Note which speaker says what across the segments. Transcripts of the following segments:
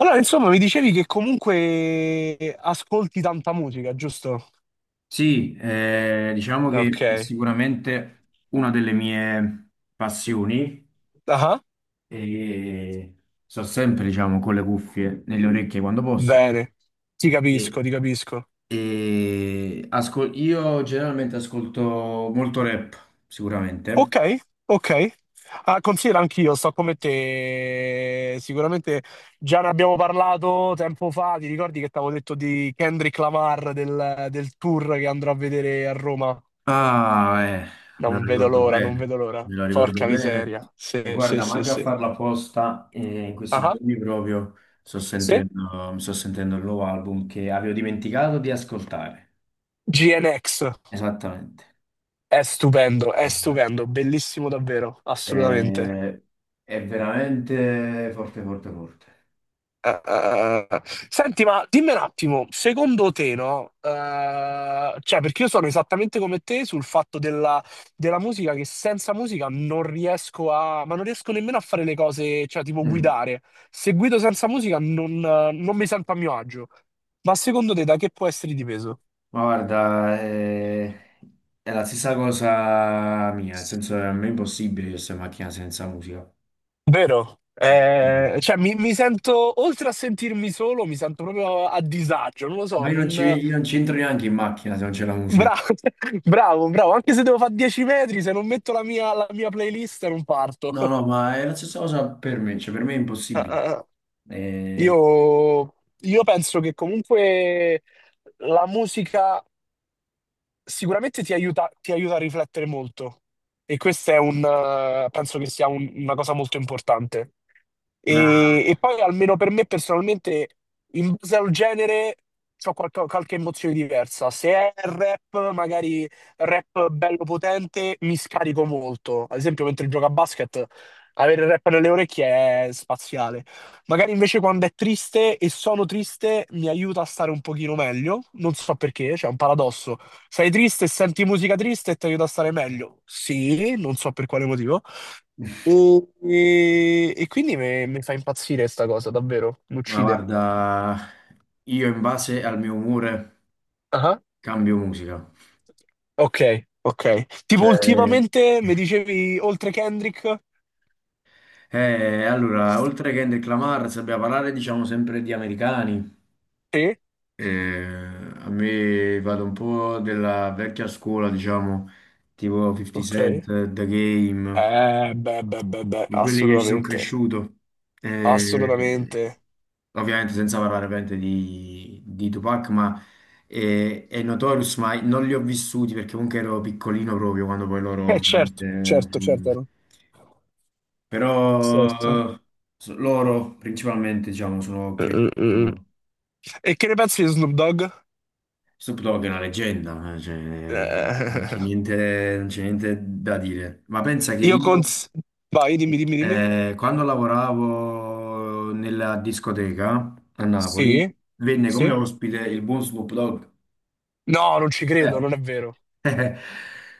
Speaker 1: Allora, insomma, mi dicevi che comunque ascolti tanta musica, giusto?
Speaker 2: Sì, diciamo
Speaker 1: Ok.
Speaker 2: che è sicuramente una delle mie passioni
Speaker 1: Ah,
Speaker 2: e sto sempre, diciamo, con le cuffie nelle orecchie quando posso.
Speaker 1: bene. Ti
Speaker 2: E,
Speaker 1: capisco, ti capisco.
Speaker 2: io generalmente ascolto molto rap, sicuramente.
Speaker 1: Ok, ok. Ah, considera anch'io, sto come te. Sicuramente già ne abbiamo parlato tempo fa. Ti ricordi che ti avevo detto di Kendrick Lamar del tour che andrò a vedere a Roma?
Speaker 2: Ah, me
Speaker 1: Non
Speaker 2: lo
Speaker 1: vedo
Speaker 2: ricordo
Speaker 1: l'ora, non
Speaker 2: bene,
Speaker 1: vedo l'ora.
Speaker 2: me lo ricordo
Speaker 1: Porca
Speaker 2: bene.
Speaker 1: miseria.
Speaker 2: E
Speaker 1: Sì, sì,
Speaker 2: guarda,
Speaker 1: sì,
Speaker 2: manca a
Speaker 1: sì.
Speaker 2: farla apposta, in questi
Speaker 1: Ah,
Speaker 2: giorni proprio
Speaker 1: sì.
Speaker 2: mi sto sentendo il nuovo album che avevo dimenticato di ascoltare.
Speaker 1: GNX.
Speaker 2: Esattamente.
Speaker 1: È
Speaker 2: Eh,
Speaker 1: stupendo, bellissimo davvero, assolutamente.
Speaker 2: Eh, è veramente forte, forte, forte.
Speaker 1: Eh. Eh. Senti, ma dimmi un attimo, secondo te, no? Cioè, perché io sono esattamente come te sul fatto della musica, che senza musica non riesco a, ma non riesco nemmeno a fare le cose, cioè, tipo
Speaker 2: Mm.
Speaker 1: guidare. Se guido senza musica non, non mi sento a mio agio. Ma secondo te, da che può essere dipeso?
Speaker 2: Ma guarda, è la stessa cosa mia, nel senso che a me è impossibile io stare in macchina senza musica.
Speaker 1: Vero?
Speaker 2: Mm.
Speaker 1: Cioè, mi sento, oltre a sentirmi solo, mi sento proprio a disagio, non lo so,
Speaker 2: Ma
Speaker 1: non...
Speaker 2: io non ci entro neanche in macchina se non c'è la musica.
Speaker 1: Bravo, bravo, bravo, anche se devo fare 10 metri, se non metto la mia playlist non parto.
Speaker 2: No, no, ma è la stessa cosa per me, cioè per me è impossibile. Eh,
Speaker 1: Io, io penso che comunque la musica sicuramente ti aiuta a riflettere molto e questo è un, penso che una cosa molto importante.
Speaker 2: ma,
Speaker 1: E poi almeno per me personalmente, in base al genere, ho qualche emozione diversa. Se è rap, magari rap bello potente, mi scarico molto. Ad esempio, mentre gioco a basket, avere il rap nelle orecchie è spaziale. Magari invece quando è triste e sono triste mi aiuta a stare un pochino meglio, non so perché, c'è un paradosso. Sei triste e senti musica triste e ti aiuta a stare meglio. Sì, non so per quale motivo. E quindi mi fa impazzire sta cosa, davvero, mi
Speaker 2: ma
Speaker 1: uccide.
Speaker 2: guarda, io in base al mio umore
Speaker 1: Ah, ah.
Speaker 2: cambio musica.
Speaker 1: Ok, ok. Tipo
Speaker 2: Cioè,
Speaker 1: ultimamente mi dicevi oltre Kendrick?
Speaker 2: eh, allora,
Speaker 1: Sì,
Speaker 2: oltre che Kendrick Lamar, sappiamo parlare, diciamo, sempre di americani. Eh, a me vado un po' della vecchia scuola, diciamo, tipo 50
Speaker 1: ok.
Speaker 2: Cent, The Game,
Speaker 1: Beh, beh, beh, beh,
Speaker 2: con quelli che ci sono
Speaker 1: assolutamente,
Speaker 2: cresciuto. Eh,
Speaker 1: assolutamente.
Speaker 2: ovviamente senza parlare ovviamente di Tupac, ma è Notorious, ma non li ho vissuti perché comunque ero piccolino proprio quando poi loro...
Speaker 1: Certo,
Speaker 2: ovviamente,
Speaker 1: certo,
Speaker 2: mm,
Speaker 1: certo. Certo.
Speaker 2: però loro principalmente, diciamo, sono cresciuti
Speaker 1: Eh. E che ne pensi di Snoop Dogg?
Speaker 2: Snoop Dogg è una leggenda, cioè,
Speaker 1: Eh,
Speaker 2: non c'è niente da dire. Ma pensa che
Speaker 1: io
Speaker 2: io,
Speaker 1: cons... Vai, dimmi, dimmi, dimmi.
Speaker 2: quando lavoravo nella discoteca a Napoli,
Speaker 1: Sì,
Speaker 2: venne come
Speaker 1: sì.
Speaker 2: ospite il buon Snoop Dogg.
Speaker 1: No, non ci credo,
Speaker 2: Eh,
Speaker 1: non è vero.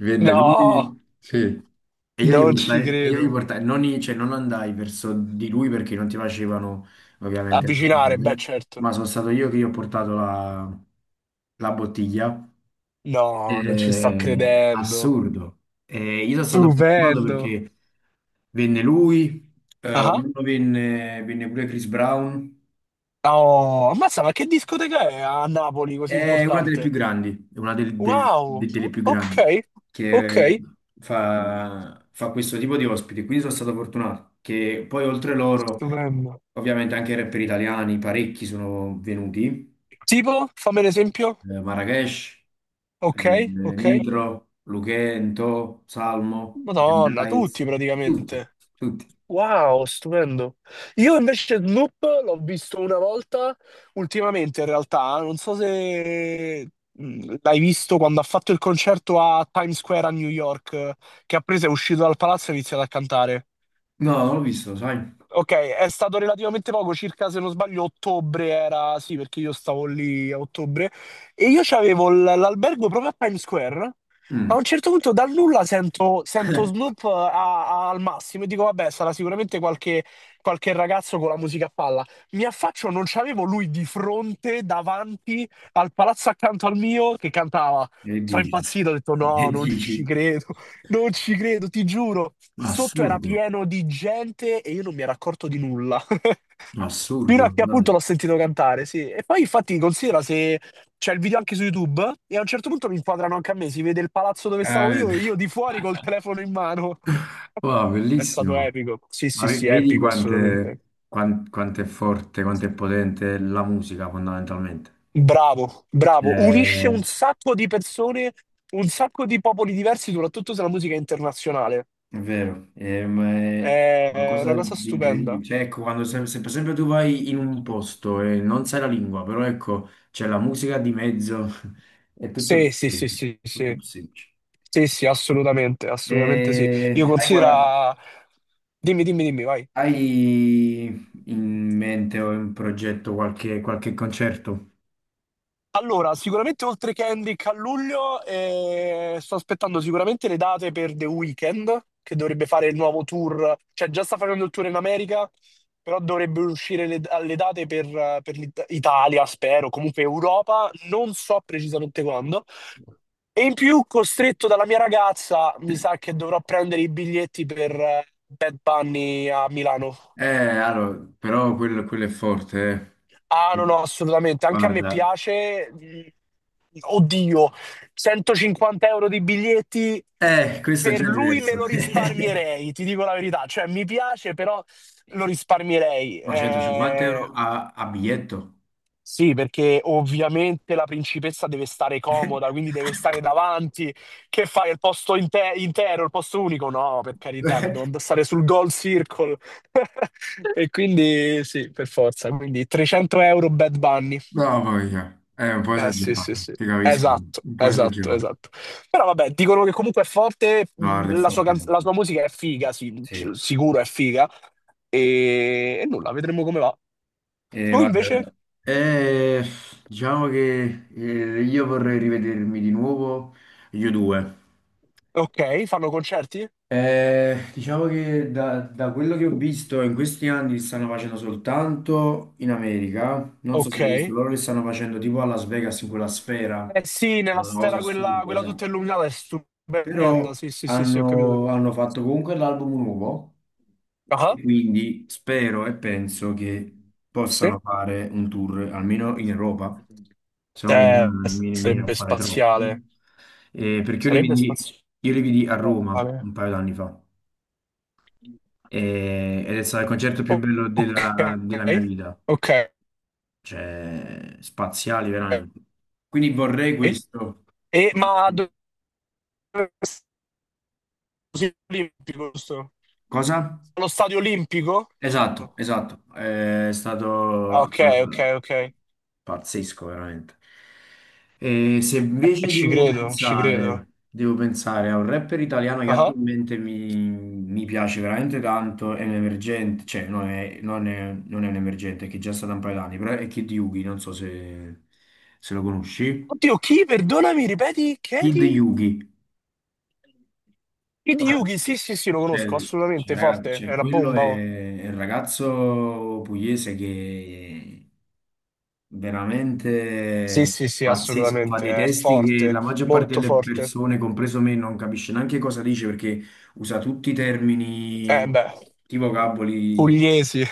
Speaker 2: venne
Speaker 1: No,
Speaker 2: lui, sì.
Speaker 1: non ci
Speaker 2: E io gli
Speaker 1: credo.
Speaker 2: portai- non, i- cioè, non andai verso di lui perché non ti facevano ovviamente
Speaker 1: Avvicinare, beh,
Speaker 2: avvicinare,
Speaker 1: certo.
Speaker 2: ma sono stato io che gli ho portato la bottiglia.
Speaker 1: No, non ci sto credendo.
Speaker 2: Assurdo. Io sono stato fortunato
Speaker 1: Stupendo.
Speaker 2: perché venne lui,
Speaker 1: Ah,
Speaker 2: un
Speaker 1: ah.
Speaker 2: anno venne, venne pure Chris Brown.
Speaker 1: Oh, ammazza, ma che discoteca è a Napoli così importante?
Speaker 2: È una
Speaker 1: Wow,
Speaker 2: delle più grandi
Speaker 1: ok,
Speaker 2: che
Speaker 1: ok.
Speaker 2: fa questo tipo di ospiti. Quindi sono stato fortunato che poi oltre loro,
Speaker 1: Stupendo.
Speaker 2: ovviamente anche i rapper italiani, parecchi sono venuti,
Speaker 1: Tipo, fammi un esempio.
Speaker 2: Marrakesh,
Speaker 1: Ok, ok.
Speaker 2: Nitro, Luchento, Salmo, Jim
Speaker 1: Madonna, tutti
Speaker 2: Daiz, tutti,
Speaker 1: praticamente.
Speaker 2: tutti.
Speaker 1: Wow, stupendo. Io invece Snoop l'ho visto una volta. Ultimamente, in realtà, non so se l'hai visto quando ha fatto il concerto a Times Square a New York, che ha preso, è uscito dal palazzo e ha iniziato a cantare.
Speaker 2: No, non l'ho visto, sai?
Speaker 1: Okay, è stato relativamente poco, circa se non sbaglio ottobre era, sì, perché io stavo lì a ottobre e io c'avevo l'albergo proprio a Times Square. A
Speaker 2: Mm,
Speaker 1: un certo punto dal nulla sento Snoop a al massimo e dico: "Vabbè, sarà sicuramente qualche qualche ragazzo con la musica a palla". Mi affaccio, non c'avevo lui di fronte, davanti al palazzo accanto al mio che cantava.
Speaker 2: che
Speaker 1: Sono
Speaker 2: dici?
Speaker 1: impazzito, ho detto: "No,
Speaker 2: Che
Speaker 1: non ci
Speaker 2: dici?
Speaker 1: credo". Non ci credo, ti giuro. Sotto era
Speaker 2: Assurdo,
Speaker 1: pieno di gente e io non mi ero accorto di nulla. Fino a
Speaker 2: assurdo,
Speaker 1: che
Speaker 2: no.
Speaker 1: appunto l'ho sentito cantare, sì. E poi infatti considera se c'è il video anche su YouTube e a un certo punto mi inquadrano anche a me, si vede il palazzo dove stavo io
Speaker 2: Veramente.
Speaker 1: e io di fuori col telefono in mano.
Speaker 2: Wow,
Speaker 1: È stato
Speaker 2: bellissimo.
Speaker 1: epico. Sì,
Speaker 2: Ma
Speaker 1: sì, sì, epico assolutamente.
Speaker 2: quanto è forte, quanto è potente la musica fondamentalmente.
Speaker 1: Bravo, bravo. Unisce
Speaker 2: Cioè,
Speaker 1: un sacco di persone, un sacco di popoli diversi, soprattutto se la musica è internazionale.
Speaker 2: è vero, ma è
Speaker 1: È una
Speaker 2: qualcosa
Speaker 1: cosa
Speaker 2: di
Speaker 1: stupenda.
Speaker 2: incredibile. Cioè, ecco, quando sempre tu vai in un posto e non sai la lingua, però ecco, c'è la musica di mezzo, è tutto più
Speaker 1: Sì, sì, sì,
Speaker 2: semplice,
Speaker 1: sì,
Speaker 2: tutto più
Speaker 1: sì.
Speaker 2: semplice.
Speaker 1: Sì, sì, assolutamente,
Speaker 2: E
Speaker 1: assolutamente sì. Io considero... Dimmi, dimmi, dimmi, vai.
Speaker 2: hai in mente o in progetto qualche concerto?
Speaker 1: Allora, sicuramente oltre che Kendrick a luglio, sto aspettando sicuramente le date per The Weeknd, che dovrebbe fare il nuovo tour, cioè già sta facendo il tour in America, però dovrebbe uscire le, alle date per Italia, spero, comunque Europa, non so precisamente quando. E in più, costretto dalla mia ragazza, mi sa che dovrò prendere i biglietti per Bad Bunny a Milano.
Speaker 2: Eh, allora, però quello è forte,
Speaker 1: Ah,
Speaker 2: eh.
Speaker 1: no, no, assolutamente. Anche a me
Speaker 2: Guarda.
Speaker 1: piace. Mm. Oddio, 150 euro di biglietti
Speaker 2: Questo è
Speaker 1: per
Speaker 2: già
Speaker 1: lui me
Speaker 2: diverso.
Speaker 1: lo risparmierei, ti dico la verità. Cioè, mi piace, però lo risparmierei.
Speaker 2: Ma 150 euro
Speaker 1: Eh.
Speaker 2: a, a biglietto?
Speaker 1: Sì, perché ovviamente la principessa deve stare comoda, quindi deve stare davanti. Che fai? Il intero, il posto unico? No, per carità, dobbiamo stare sul goal circle. E quindi sì, per forza. Quindi 300 euro Bad Bunny.
Speaker 2: No, voglia. È un po'
Speaker 1: Eh sì, sì,
Speaker 2: esagerato,
Speaker 1: sì.
Speaker 2: ti capisco.
Speaker 1: Esatto,
Speaker 2: Un po'
Speaker 1: esatto,
Speaker 2: esagerato.
Speaker 1: esatto. Però vabbè, dicono che comunque è forte,
Speaker 2: No, guarda, è
Speaker 1: la sua,
Speaker 2: forte,
Speaker 1: la
Speaker 2: guarda.
Speaker 1: sua musica è figa, sì,
Speaker 2: Sì.
Speaker 1: sicuro è figa. E nulla, vedremo come va. Tu
Speaker 2: Guarda.
Speaker 1: invece?
Speaker 2: Eh, diciamo che io vorrei rivedermi di nuovo gli U2.
Speaker 1: Ok, fanno concerti?
Speaker 2: Diciamo che da quello che ho visto in questi anni li stanno facendo soltanto in America. Non so se
Speaker 1: Ok.
Speaker 2: l'hai visto, loro li stanno facendo tipo a Las Vegas in quella sfera.
Speaker 1: Eh sì,
Speaker 2: È
Speaker 1: nella
Speaker 2: una cosa
Speaker 1: sfera quella,
Speaker 2: assurda,
Speaker 1: quella tutta
Speaker 2: esatto.
Speaker 1: illuminata è stupenda.
Speaker 2: Però
Speaker 1: Sì, sì, sì, sì, ho capito.
Speaker 2: hanno fatto comunque l'album nuovo
Speaker 1: Ah,
Speaker 2: e quindi spero e penso che
Speaker 1: sì.
Speaker 2: possano fare un tour almeno in Europa, se no
Speaker 1: Eh,
Speaker 2: mi viene a
Speaker 1: sarebbe
Speaker 2: fare troppo.
Speaker 1: spaziale.
Speaker 2: Perché
Speaker 1: Sarebbe spaziale.
Speaker 2: io li vidi a Roma un paio d'anni fa. Ed è stato il concerto più
Speaker 1: O-
Speaker 2: bello
Speaker 1: Ok,
Speaker 2: della mia vita,
Speaker 1: ok.
Speaker 2: cioè spaziali veramente. Quindi vorrei questo.
Speaker 1: E, ma dove è stadio olimpico, giusto?
Speaker 2: Cosa?
Speaker 1: Allo stadio olimpico?
Speaker 2: Esatto, esatto, è stato,
Speaker 1: Ah, ok, ok,
Speaker 2: allora,
Speaker 1: ok. E
Speaker 2: pazzesco veramente. E se invece
Speaker 1: ci credo, ci credo.
Speaker 2: devo pensare a un rapper italiano che
Speaker 1: Ah.
Speaker 2: attualmente mi piace veramente tanto, è un emergente, cioè non è un emergente, è che è già stato un paio d'anni, però è Kid Yugi, non so se, se lo conosci.
Speaker 1: Oddio, chi? Perdonami, ripeti?
Speaker 2: Kid
Speaker 1: Chiedi?
Speaker 2: Yugi.
Speaker 1: Hideyuki, sì, sì, sì, lo
Speaker 2: Cioè,
Speaker 1: conosco, assolutamente
Speaker 2: cioè, raga,
Speaker 1: forte.
Speaker 2: cioè,
Speaker 1: È una
Speaker 2: quello
Speaker 1: bomba. Oh.
Speaker 2: è il ragazzo pugliese che
Speaker 1: Sì,
Speaker 2: veramente
Speaker 1: sì, sì,
Speaker 2: pazzesco, fa dei
Speaker 1: assolutamente, è
Speaker 2: testi che
Speaker 1: forte,
Speaker 2: la maggior parte
Speaker 1: molto
Speaker 2: delle
Speaker 1: forte.
Speaker 2: persone, compreso me, non capisce neanche cosa dice perché usa tutti i
Speaker 1: Eh
Speaker 2: termini,
Speaker 1: beh,
Speaker 2: tipo vocaboli,
Speaker 1: pugliesi.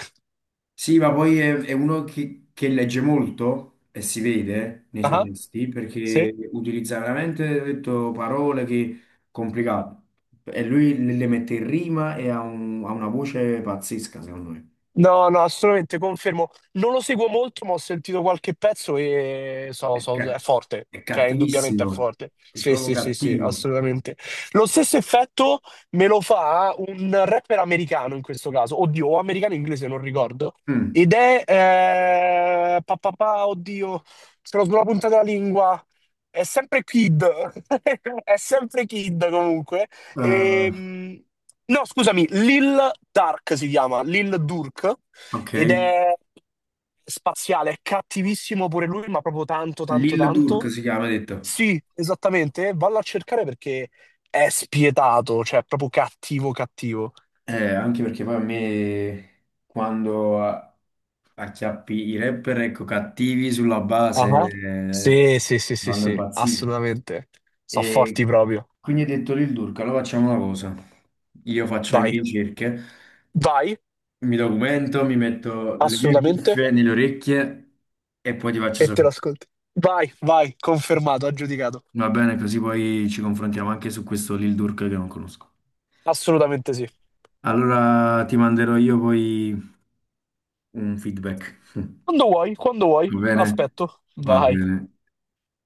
Speaker 2: sì, ma poi è uno che legge molto e si vede nei suoi
Speaker 1: Ah,
Speaker 2: testi
Speaker 1: sì?
Speaker 2: perché utilizza veramente, ho detto, parole che complicate e lui le mette in rima e ha, ha una voce pazzesca, secondo me.
Speaker 1: No, no, assolutamente confermo. Non lo seguo molto, ma ho sentito qualche pezzo e so,
Speaker 2: È, ca-
Speaker 1: è forte.
Speaker 2: è
Speaker 1: Cioè, indubbiamente è
Speaker 2: cattivissimo,
Speaker 1: forte.
Speaker 2: è
Speaker 1: Sì,
Speaker 2: proprio
Speaker 1: sì, sì, sì,
Speaker 2: cattivo.
Speaker 1: assolutamente. Lo stesso effetto me lo fa un rapper americano in questo caso. Oddio, o americano o inglese, non ricordo.
Speaker 2: Mm.
Speaker 1: Ed è... pa, pa, pa, oddio, sono sulla punta della lingua. È sempre Kid. È sempre Kid comunque.
Speaker 2: Eh,
Speaker 1: Ehm, no, scusami, Lil Dark si chiama, Lil Durk,
Speaker 2: ok.
Speaker 1: ed è spaziale, è cattivissimo pure lui, ma proprio tanto, tanto,
Speaker 2: Lil Durk
Speaker 1: tanto.
Speaker 2: si chiama, hai detto.
Speaker 1: Sì, esattamente, vallo a cercare perché è spietato, cioè è proprio cattivo, cattivo.
Speaker 2: Anche perché poi a me quando acchiappi i rapper ecco, cattivi sulla base
Speaker 1: Ah. Sì, sì, sì, sì,
Speaker 2: vanno
Speaker 1: sì,
Speaker 2: impazziti.
Speaker 1: assolutamente. Sono forti
Speaker 2: E
Speaker 1: proprio.
Speaker 2: quindi ho detto Lil Durk, allora facciamo una cosa. Io faccio le
Speaker 1: Vai,
Speaker 2: mie ricerche,
Speaker 1: vai,
Speaker 2: mi documento, mi metto le mie
Speaker 1: assolutamente,
Speaker 2: cuffie nelle orecchie e poi ti faccio
Speaker 1: e te
Speaker 2: sapere.
Speaker 1: lo ascolti. Vai, vai, confermato, aggiudicato.
Speaker 2: Va bene, così poi ci confrontiamo anche su questo Lil Durk che non conosco.
Speaker 1: Assolutamente sì.
Speaker 2: Allora ti manderò io poi un feedback.
Speaker 1: Quando vuoi,
Speaker 2: Va bene?
Speaker 1: aspetto.
Speaker 2: Va
Speaker 1: Vai.
Speaker 2: bene.